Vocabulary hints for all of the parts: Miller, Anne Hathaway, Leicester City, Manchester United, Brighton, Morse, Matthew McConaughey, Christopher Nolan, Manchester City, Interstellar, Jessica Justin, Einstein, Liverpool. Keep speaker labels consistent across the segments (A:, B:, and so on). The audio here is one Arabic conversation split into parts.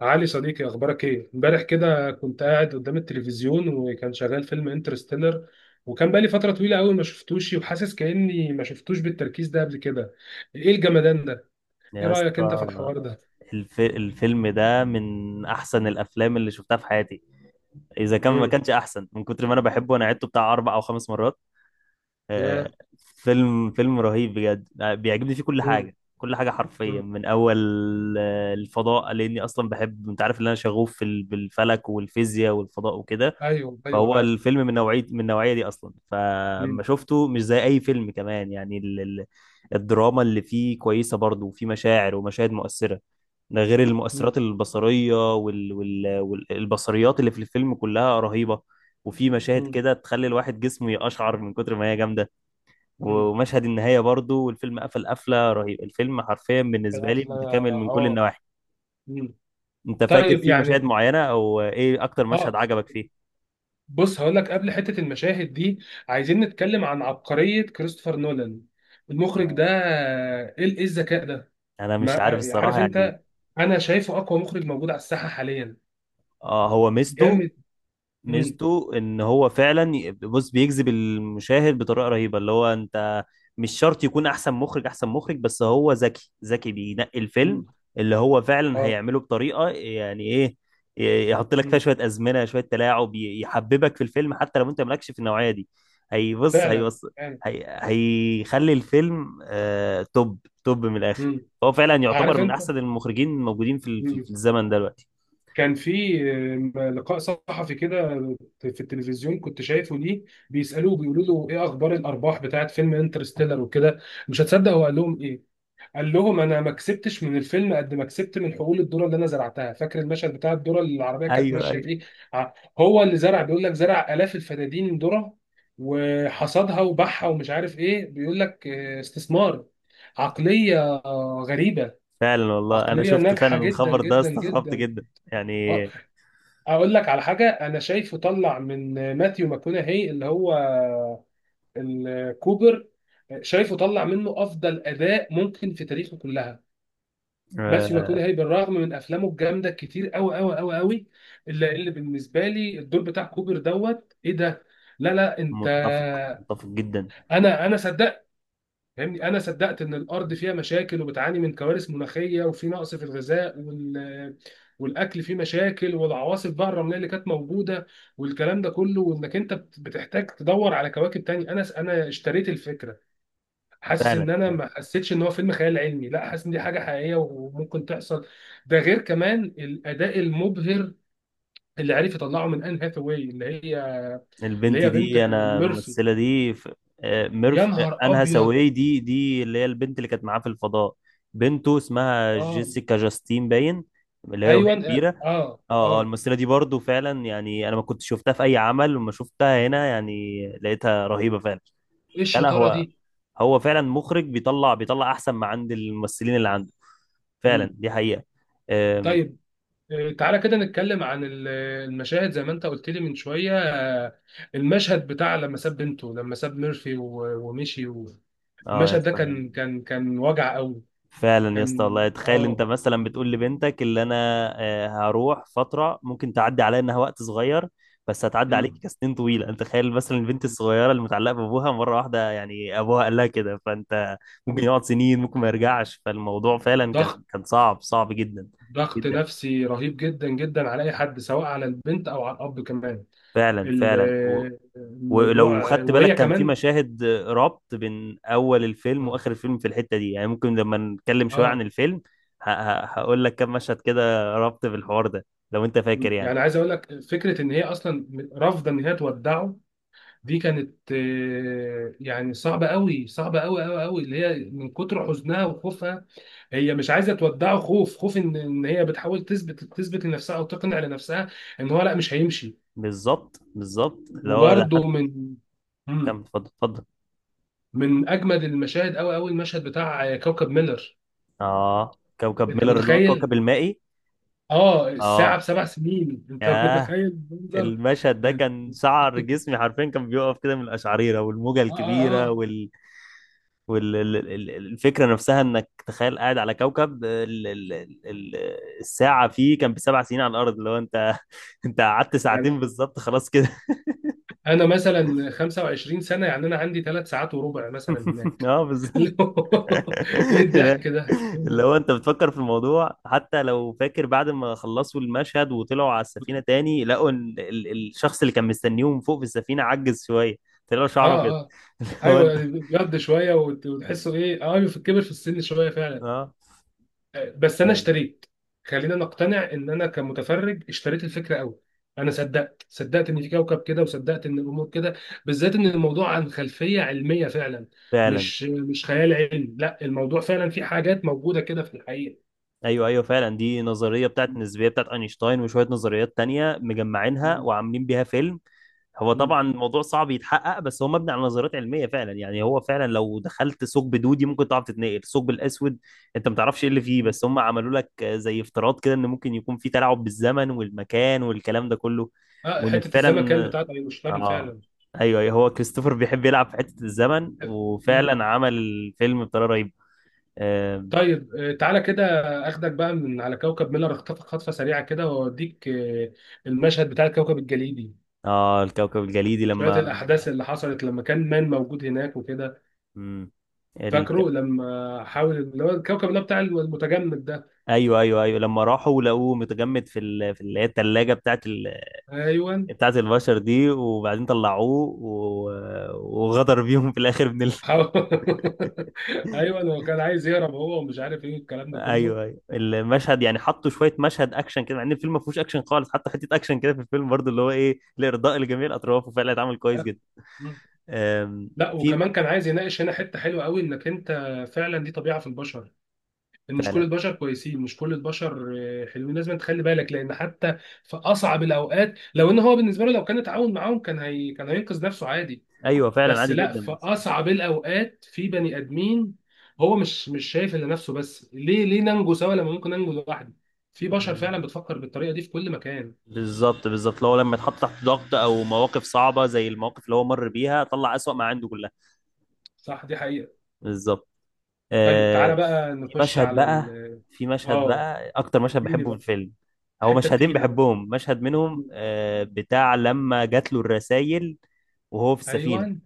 A: علي صديقي، اخبارك ايه؟ امبارح كده كنت قاعد قدام التلفزيون وكان شغال فيلم انترستيلر. وكان بقالي فتره طويله قوي ما شفتوش، وحاسس كاني ما شفتوش بالتركيز ده قبل كده. ايه الجمدان ده؟ ايه
B: يا
A: رايك انت في
B: اسطى.
A: الحوار ده؟
B: الف... الفيلم ده من احسن الافلام اللي شفتها في حياتي، اذا كان ما
A: امم.
B: كانش احسن. من كتر ما انا بحبه انا عدته بتاع اربع او خمس مرات. آه،
A: يا.
B: فيلم رهيب بجد. بيعجبني فيه كل
A: امم.
B: حاجه، كل حاجه حرفيا،
A: امم.
B: من اول الفضاء، لاني اصلا بحب، انت عارف ان انا شغوف في بالفلك والفيزياء والفضاء وكده.
A: ايوه، ايوه،
B: فهو
A: عارف.
B: الفيلم من نوعية من النوعية دي أصلا، فما
A: امم.
B: شفته مش زي أي فيلم كمان. يعني الدراما اللي فيه كويسة برضه، وفيه مشاعر ومشاهد مؤثرة. ده غير
A: امم.
B: المؤثرات البصرية والبصريات اللي في الفيلم كلها رهيبة. وفي مشاهد
A: امم.
B: كده تخلي الواحد جسمه يقشعر من كتر ما هي جامدة.
A: امم.
B: ومشهد النهاية برضه، والفيلم قفل قفلة رهيبة. الفيلم حرفيا بالنسبة لي
A: القفله،
B: متكامل من كل
A: اه.
B: النواحي.
A: امم.
B: أنت فاكر
A: طيب،
B: فيه مشاهد
A: يعني.
B: معينة؟ أو إيه أكتر مشهد
A: اه.
B: عجبك فيه؟
A: بص هقول لك قبل حتة المشاهد دي، عايزين نتكلم عن عبقرية كريستوفر نولان، المخرج ده.
B: آه.
A: ايه الذكاء ده؟
B: أنا
A: ما.
B: مش عارف الصراحة،
A: عارف
B: يعني
A: انت. انا شايفه اقوى مخرج موجود على الساحة حاليا.
B: اه، هو ميزته،
A: جامد. امم.
B: ميزته ان هو فعلا بص، بيجذب المشاهد بطريقه رهيبه. اللي هو انت مش شرط يكون احسن مخرج، احسن مخرج بس هو ذكي، ذكي بينقي الفيلم
A: امم.
B: اللي هو فعلا
A: اه.
B: هيعمله بطريقه، يعني ايه، يحط لك فيها
A: امم.
B: شويه ازمنه، شويه تلاعب، يحببك في الفيلم حتى لو انت مالكش في النوعيه دي. هيبص
A: فعلا،
B: هيبص
A: فعلا.
B: هيخلي الفيلم آه توب، توب من الاخر.
A: امم.
B: فهو فعلا يعتبر
A: عارف
B: من
A: انت.
B: احسن المخرجين الموجودين في في
A: امم.
B: الزمن ده دلوقتي.
A: كان في لقاء صحفي كده في التلفزيون كنت شايفه ليه. بيسألوه بيقولوا له ايه اخبار الارباح بتاعت فيلم انترستيلر وكده. مش هتصدق هو قال لهم ايه. قال لهم انا ما كسبتش من الفيلم قد ما كسبت من حقول الذره اللي انا زرعتها. فاكر المشهد بتاع الذره اللي العربيه كانت
B: ايوه
A: ماشيه
B: ايوه،
A: فيه؟ ع- هو اللي زرع. بيقول لك زرع الاف الفدادين ذره وحصدها وباعها ومش عارف ايه. بيقول لك استثمار. عقليه. غريبه.
B: فعلا والله انا
A: عقليه
B: شفت فعلا
A: ناجحه جدا
B: الخبر ده
A: جدا
B: استغربت
A: جدا.
B: جدا يعني.
A: آه، اقول لك على حاجه. انا شايفه طلع من ماثيو ماكونهي، اللي هو الكوبر. شايفه طلع منه افضل اداء ممكن في تاريخه كلها. ماثيو
B: آه،
A: ماكونهي بالرغم من افلامه الجامده كتير قوي قوي قوي قوي. اللي بالنسبه لي الدور بتاع كوبر دوت ايه ده. لا، لا، انت.
B: متفق، متفق جدا،
A: انا صدقت. فاهمني، انا صدقت ان الارض فيها مشاكل وبتعاني من كوارث مناخيه، وفي نقص في الغذاء وال والاكل فيه مشاكل، والعواصف بقى الرمليه اللي كانت موجوده والكلام ده كله. وانك انت بتحتاج تدور على كواكب تاني. انا اشتريت الفكره. حاسس
B: فعلا.
A: ان انا ما حسيتش ان هو فيلم خيال علمي، لا حاسس ان دي حاجه حقيقيه وممكن تحصل. ده غير كمان الاداء المبهر اللي عرف يطلعه من ان هاثاواي، اللي هي اللي
B: البنت
A: هي بنت
B: دي، انا
A: ميرفي.
B: الممثله دي آه،
A: يا
B: آه،
A: نهار
B: انها
A: ابيض.
B: ساوي دي، دي اللي هي البنت اللي كانت معاه في الفضاء، بنته، اسمها
A: اه.
B: جيسيكا جاستين باين، اللي هي وهي
A: ايوه.
B: كبيره.
A: اه،
B: اه اه،
A: اه.
B: الممثله دي برضو فعلا يعني انا ما كنت شفتها في اي عمل، وما شفتها هنا يعني، لقيتها رهيبه فعلا.
A: ايه
B: لا
A: الشطاره
B: هو،
A: دي؟
B: هو فعلا مخرج بيطلع احسن ما عند الممثلين اللي عنده. فعلا
A: مم.
B: دي حقيقة. أم،
A: طيب، تعالى كده نتكلم عن المشاهد زي ما انت قلت لي من شويه. آه، المشهد بتاع لما ساب بنته، لما ساب ميرفي ومشي
B: اه يا
A: المشهد ده
B: اسطى،
A: كان
B: يعني
A: كان كان وجع قوي.
B: فعلا يا اسطى
A: كان.
B: والله. تخيل انت
A: اه.
B: مثلا بتقول لبنتك اللي انا هروح فترة، ممكن تعدي عليا انها وقت صغير، بس هتعدي عليك
A: مم.
B: كسنين طويلة. انت تخيل مثلا البنت الصغيرة اللي متعلقة بابوها مرة واحدة، يعني ابوها قال لها كده، فانت ممكن
A: مم.
B: يقعد سنين، ممكن ما يرجعش، فالموضوع فعلا كان،
A: ضغط.
B: كان صعب، صعب جدا.
A: ضغط
B: جدا
A: نفسي رهيب جدا جدا على اي حد، سواء على البنت او على الاب كمان.
B: فعلا، فعلا و... ولو
A: الموضوع
B: خدت بالك،
A: وهي
B: كان في
A: كمان،
B: مشاهد ربط بين اول الفيلم واخر الفيلم في الحته دي، يعني ممكن لما نتكلم شويه عن
A: اه.
B: الفيلم ه... ه... هقول لك كم مشهد كده ربط في الحوار ده، لو انت فاكر
A: مم.
B: يعني.
A: يعني عايز اقول لك فكره ان هي اصلا رافضه ان هي تودعه. دي كانت يعني صعبه قوي، صعبه قوي قوي قوي. اللي هي من كتر حزنها وخوفها هي مش عايزه تودعه. خوف، خوف ان هي بتحاول تثبت تثبت لنفسها او تقنع لنفسها ان هو لا مش هيمشي.
B: بالظبط، بالظبط اللي هو ده حتى.
A: وبرده من.
B: كم؟
A: مم.
B: اتفضل، اتفضل.
A: من اجمد المشاهد قوي قوي، المشهد بتاع كوكب ميلر.
B: اه، كوكب
A: انت
B: ميلر، اللي هو الكوكب
A: متخيل؟
B: المائي.
A: اه. الساعه
B: اه،
A: بسبع سنين. انت
B: ياه،
A: متخيل منظر؟
B: المشهد ده
A: اه،
B: كان شعر جسمي حرفيا كان بيقف كده من القشعريره، والموجه
A: اه،
B: الكبيره
A: اه.
B: والفكرة نفسها، انك تخيل قاعد على كوكب ال- الساعة فيه كان بسبع سنين على الأرض. لو انت انت قعدت
A: يعني
B: ساعتين بالظبط خلاص كده.
A: انا مثلا 25 سنه، يعني انا عندي 3 ساعات وربع مثلا هناك.
B: اه بالظبط.
A: اللي هو. ايه الضحك ده؟
B: اللي
A: اه،
B: هو انت بتفكر في الموضوع حتى لو فاكر بعد ما خلصوا المشهد وطلعوا على السفينة تاني، لقوا ان الشخص اللي كان مستنيهم فوق في السفينة عجز شوية، طلع له شعر ابيض.
A: اه.
B: اللي هو انت
A: ايوه بيقضي شويه وتحسه ايه، في الكبر في السن شويه فعلا.
B: اه،
A: بس انا
B: فعلا،
A: اشتريت. خلينا نقتنع ان انا كمتفرج اشتريت الفكره قوي. انا صدقت ان في كوكب كده، وصدقت ان الامور كده، بالذات ان الموضوع عن خلفيه علميه فعلا.
B: فعلاً.
A: مش خيال علمي، لا الموضوع فعلا في حاجات موجوده كده في الحقيقه.
B: ايوه ايوه، فعلا دي نظريه بتاعت
A: مم.
B: النسبيه بتاعت اينشتاين، وشويه نظريات تانية مجمعينها
A: مم.
B: وعاملين بيها فيلم. هو
A: مم.
B: طبعا الموضوع صعب يتحقق، بس هو مبني على نظريات علميه فعلا. يعني هو فعلا لو دخلت ثقب دودي ممكن تعرف تتنقل، الثقب الاسود انت ما تعرفش ايه اللي فيه،
A: مم.
B: بس هم عملوا لك زي افتراض كده، ان ممكن يكون في تلاعب بالزمن والمكان والكلام ده كله،
A: اه،
B: وان
A: حته الزمكان
B: فعلا،
A: بتاعت اينشتاين
B: اه،
A: فعلا.
B: ايوه ايوه، هو كريستوفر بيحب يلعب في حته الزمن،
A: مم.
B: وفعلا عمل الفيلم بطريقه رهيبه. آه,
A: طيب، تعالى كده اخدك بقى من على كوكب ميلر، اخطفك خطفه سريعه كده واوديك المشهد بتاع الكوكب الجليدي.
B: اه الكوكب الجليدي
A: شوية
B: لما،
A: الأحداث اللي حصلت لما كان مان موجود هناك وكده.
B: امم، ال...
A: فاكره لما حاول، اللي هو الكوكب اللي هو بتاع المتجمد ده.
B: ايوه، ايوه لما راحوا لقوه متجمد في في اللي هي الثلاجه بتاعت
A: أيوه.
B: بتاعت البشر دي، وبعدين طلعوه و... وغدر بيهم في الاخر من
A: حاول. أيوه هو كان عايز يهرب هو، ومش عارف إيه الكلام ده كله.
B: ايوه ايوه المشهد، يعني حطوا شويه مشهد اكشن كده، مع ان الفيلم ما فيهوش اكشن خالص، حطوا حته اكشن كده في الفيلم برضو، اللي هو ايه، لارضاء لجميع الاطراف، وفعلا اتعمل كويس جدا.
A: مم.
B: أم...
A: لا
B: في،
A: وكمان كان عايز يناقش هنا حتة حلوة قوي، إنك أنت فعلا دي طبيعة في البشر، إن مش كل
B: فعلا.
A: البشر كويسين، مش كل البشر حلوين. لازم تخلي بالك، لأن حتى في أصعب الأوقات لو إن هو بالنسبة له لو كان اتعاون معاهم كان، هي كان هينقذ نفسه عادي.
B: ايوه فعلا
A: بس
B: عادي
A: لا،
B: جدا.
A: في اصعب الاوقات في بني ادمين هو مش شايف الا نفسه بس. ليه ننجو سوا لما ممكن ننجو لوحدي. في بشر فعلا بتفكر بالطريقه دي في كل مكان.
B: بالظبط، بالظبط لو لما يتحط تحت ضغط او مواقف صعبه زي المواقف اللي هو مر بيها، طلع اسوأ ما عنده كلها.
A: صح، دي حقيقه.
B: بالظبط.
A: طيب
B: آه،
A: تعالى بقى
B: في
A: نخش
B: مشهد
A: على
B: بقى،
A: ال
B: في مشهد
A: اه
B: بقى اكتر مشهد
A: اديني
B: بحبه في
A: بقى
B: الفيلم. هو
A: الحته
B: مشهدين
A: التقيله بقى.
B: بحبهم، مشهد منهم
A: مم.
B: آه بتاع لما جات له الرسائل وهو في السفينه.
A: ايوه،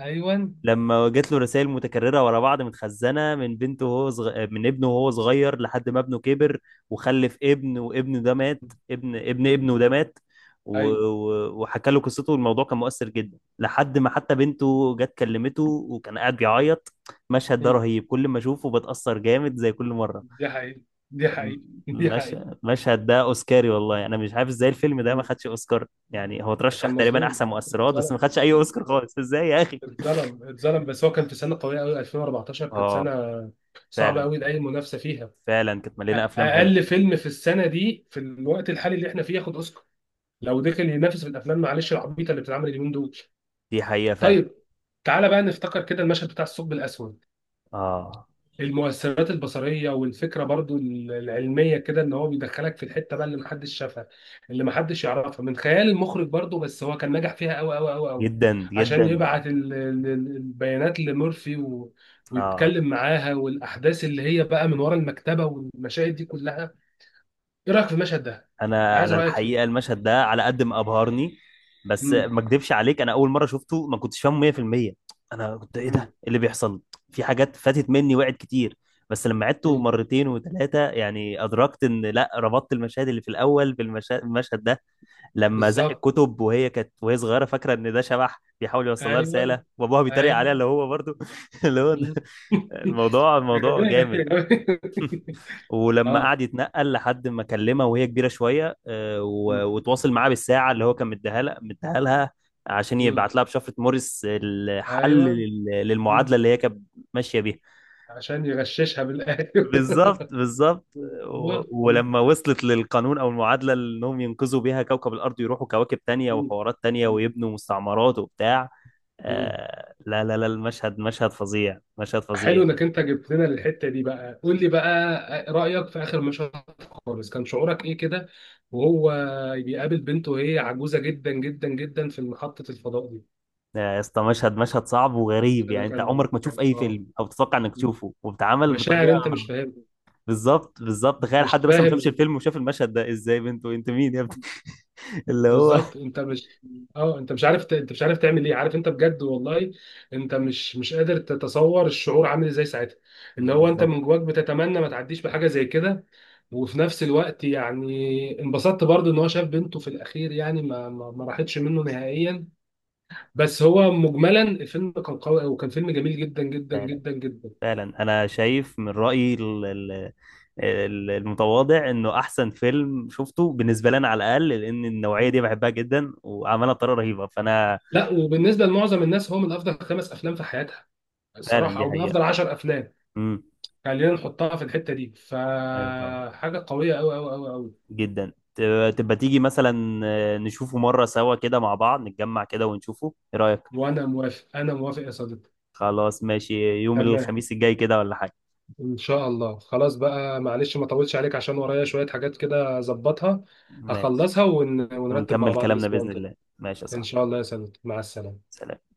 A: ايوه.
B: لما جات له رسائل متكررة ورا بعض، متخزنة من بنته وهو من ابنه وهو صغير، لحد ما ابنه كبر وخلف ابن، وابنه ده مات.
A: مم.
B: ابنه ده مات، و...
A: ايوه.
B: و... وحكى له قصته، والموضوع كان مؤثر جدا لحد ما حتى بنته جت كلمته، وكان قاعد بيعيط. المشهد ده
A: مم.
B: رهيب، كل ما اشوفه بتأثر جامد زي كل مرة.
A: دي حقيقه، دي حقيقه، دي
B: المش...
A: حقيقه.
B: المشهد ده اوسكاري والله، انا مش عارف ازاي الفيلم ده ما
A: مم.
B: خدش اوسكار يعني. هو ترشح
A: كان
B: تقريبا احسن
A: مظلوم،
B: مؤثرات، بس ما
A: اتظلم في
B: خدش اي
A: السنة.
B: اوسكار خالص، ازاي يا اخي؟
A: اتظلم اتظلم، بس هو كان في سنه قويه قوي. 2014 كانت
B: اه
A: سنه صعبه
B: فعلا.
A: قوي لاي منافسه فيها.
B: فعلا كانت مليانه افلام حلوه.
A: اقل فيلم في السنه دي في الوقت الحالي اللي احنا فيه ياخد اوسكار لو دخل ينافس في الافلام، معلش، العبيطه اللي بتتعمل اليومين دول.
B: دي حقيقه فعلا.
A: طيب، تعالى بقى نفتكر كده المشهد بتاع الثقب الاسود.
B: اه،
A: المؤثرات البصريه والفكره برضو العلميه كده، ان هو بيدخلك في الحته بقى اللي محدش شافها، اللي محدش يعرفها من خيال المخرج برضو. بس هو كان نجح فيها قوي قوي قوي قوي
B: جدا
A: عشان
B: جدا.
A: يبعت البيانات لمورفي
B: اه،
A: ويتكلم معاها، والاحداث اللي هي بقى من ورا المكتبه والمشاهد دي كلها. ايه رايك في المشهد ده؟
B: انا،
A: عايز
B: انا
A: رايك
B: الحقيقه
A: فيه.
B: المشهد ده على قد ما ابهرني، بس
A: مم.
B: ما اكدبش عليك، انا اول مره شفته ما كنتش فاهمه 100%. انا كنت ايه ده،
A: مم.
B: إيه اللي بيحصل، في حاجات فاتت مني وقعت كتير، بس لما عدته
A: مم.
B: مرتين وثلاثه يعني ادركت، ان لا، ربطت المشاهد اللي في الاول المشهد ده. لما زق
A: بالظبط.
B: الكتب وهي كانت صغيره، فاكره ان ده شبح بيحاول يوصل لها
A: ايوه،
B: رساله، وابوها بيتريق
A: ايوه.
B: عليها، اللي هو برضو اللي هو
A: مم.
B: الموضوع،
A: يا
B: الموضوع
A: جماعة، يا
B: جامد.
A: جماعة.
B: ولما
A: اه.
B: قعد يتنقل لحد ما كلمها وهي كبيره شويه، وتواصل معاها بالساعه اللي هو كان مديها لها، مديها لها عشان
A: مم.
B: يبعت لها بشفره موريس الحل
A: ايوه.
B: للمعادله
A: مم.
B: اللي هي كانت ماشيه بيها.
A: عشان يغششها بالايوه.
B: بالظبط، بالظبط.
A: أيوة. مم.
B: ولما وصلت للقانون او المعادله اللي انهم ينقذوا بيها كوكب الارض، ويروحوا كواكب تانية
A: مم.
B: وحوارات تانية،
A: مم.
B: ويبنوا مستعمرات وبتاع.
A: مم.
B: لا المشهد مشهد فظيع، مشهد فظيع.
A: حلو انك انت جبت لنا الحته دي بقى. قول لي بقى رايك في اخر مشهد خالص. كان شعورك ايه كده وهو بيقابل بنته وهي عجوزه جدا جدا جدا في محطه الفضاء دي؟
B: يا اسطى، مشهد، مشهد صعب وغريب.
A: ده
B: يعني انت
A: كان
B: عمرك ما
A: كان-
B: تشوف اي
A: اه
B: فيلم، او تتوقع انك تشوفه وبتعمل
A: مشاعر
B: بطريقه،
A: انت مش فاهم.
B: بالظبط، بالظبط. تخيل
A: مش
B: حد مثلا ما شافش
A: فاهم.
B: الفيلم وشاف المشهد ده، ازاي بنت وانت مين يا ابني؟ اللي هو
A: بالظبط. انت مش. اه، انت مش عارف انت مش عارف تعمل ايه. عارف انت بجد والله. انت مش قادر تتصور الشعور عامل ازاي ساعتها. اللي هو انت
B: بالظبط.
A: من جواك بتتمنى ما تعديش بحاجه زي كده. وفي نفس الوقت يعني انبسطت برضو ان هو شاف بنته في الاخير، يعني ما راحتش منه نهائيا. بس هو مجملا الفيلم كان قوي، وكان فيلم جميل جدا جدا
B: فعلا،
A: جدا جدا.
B: فعلا انا شايف من رايي المتواضع انه احسن فيلم شفته بالنسبه لي انا، على الاقل لان النوعيه دي بحبها جدا، وعملها بطريقه رهيبه. فانا
A: لا، وبالنسبه لمعظم الناس هو من افضل 5 افلام في حياتها
B: فعلا،
A: الصراحه،
B: دي
A: او من
B: حقيقه.
A: افضل 10 افلام.
B: امم،
A: خلينا نحطها في الحتة دي، فحاجة قوية أوي أوي أوي أوي.
B: جدا. تبقى، تبقى تيجي مثلا نشوفه مرة سوا كده مع بعض، نتجمع كده ونشوفه، ايه رأيك؟
A: وأنا موافق، أنا موافق يا صديقي.
B: خلاص ماشي. يوم
A: تمام.
B: الخميس الجاي كده ولا حاجة؟
A: إن شاء الله، خلاص بقى، معلش ما طولتش عليك عشان ورايا شوية حاجات كده أظبطها،
B: ماشي،
A: أخلصها، ونرتب مع
B: ونكمل
A: بعض
B: كلامنا
A: الأسبوع
B: بإذن
A: الجاي.
B: الله. ماشي يا
A: إن
B: صاحبي،
A: شاء الله يا صديقي، مع السلامة.
B: سلام.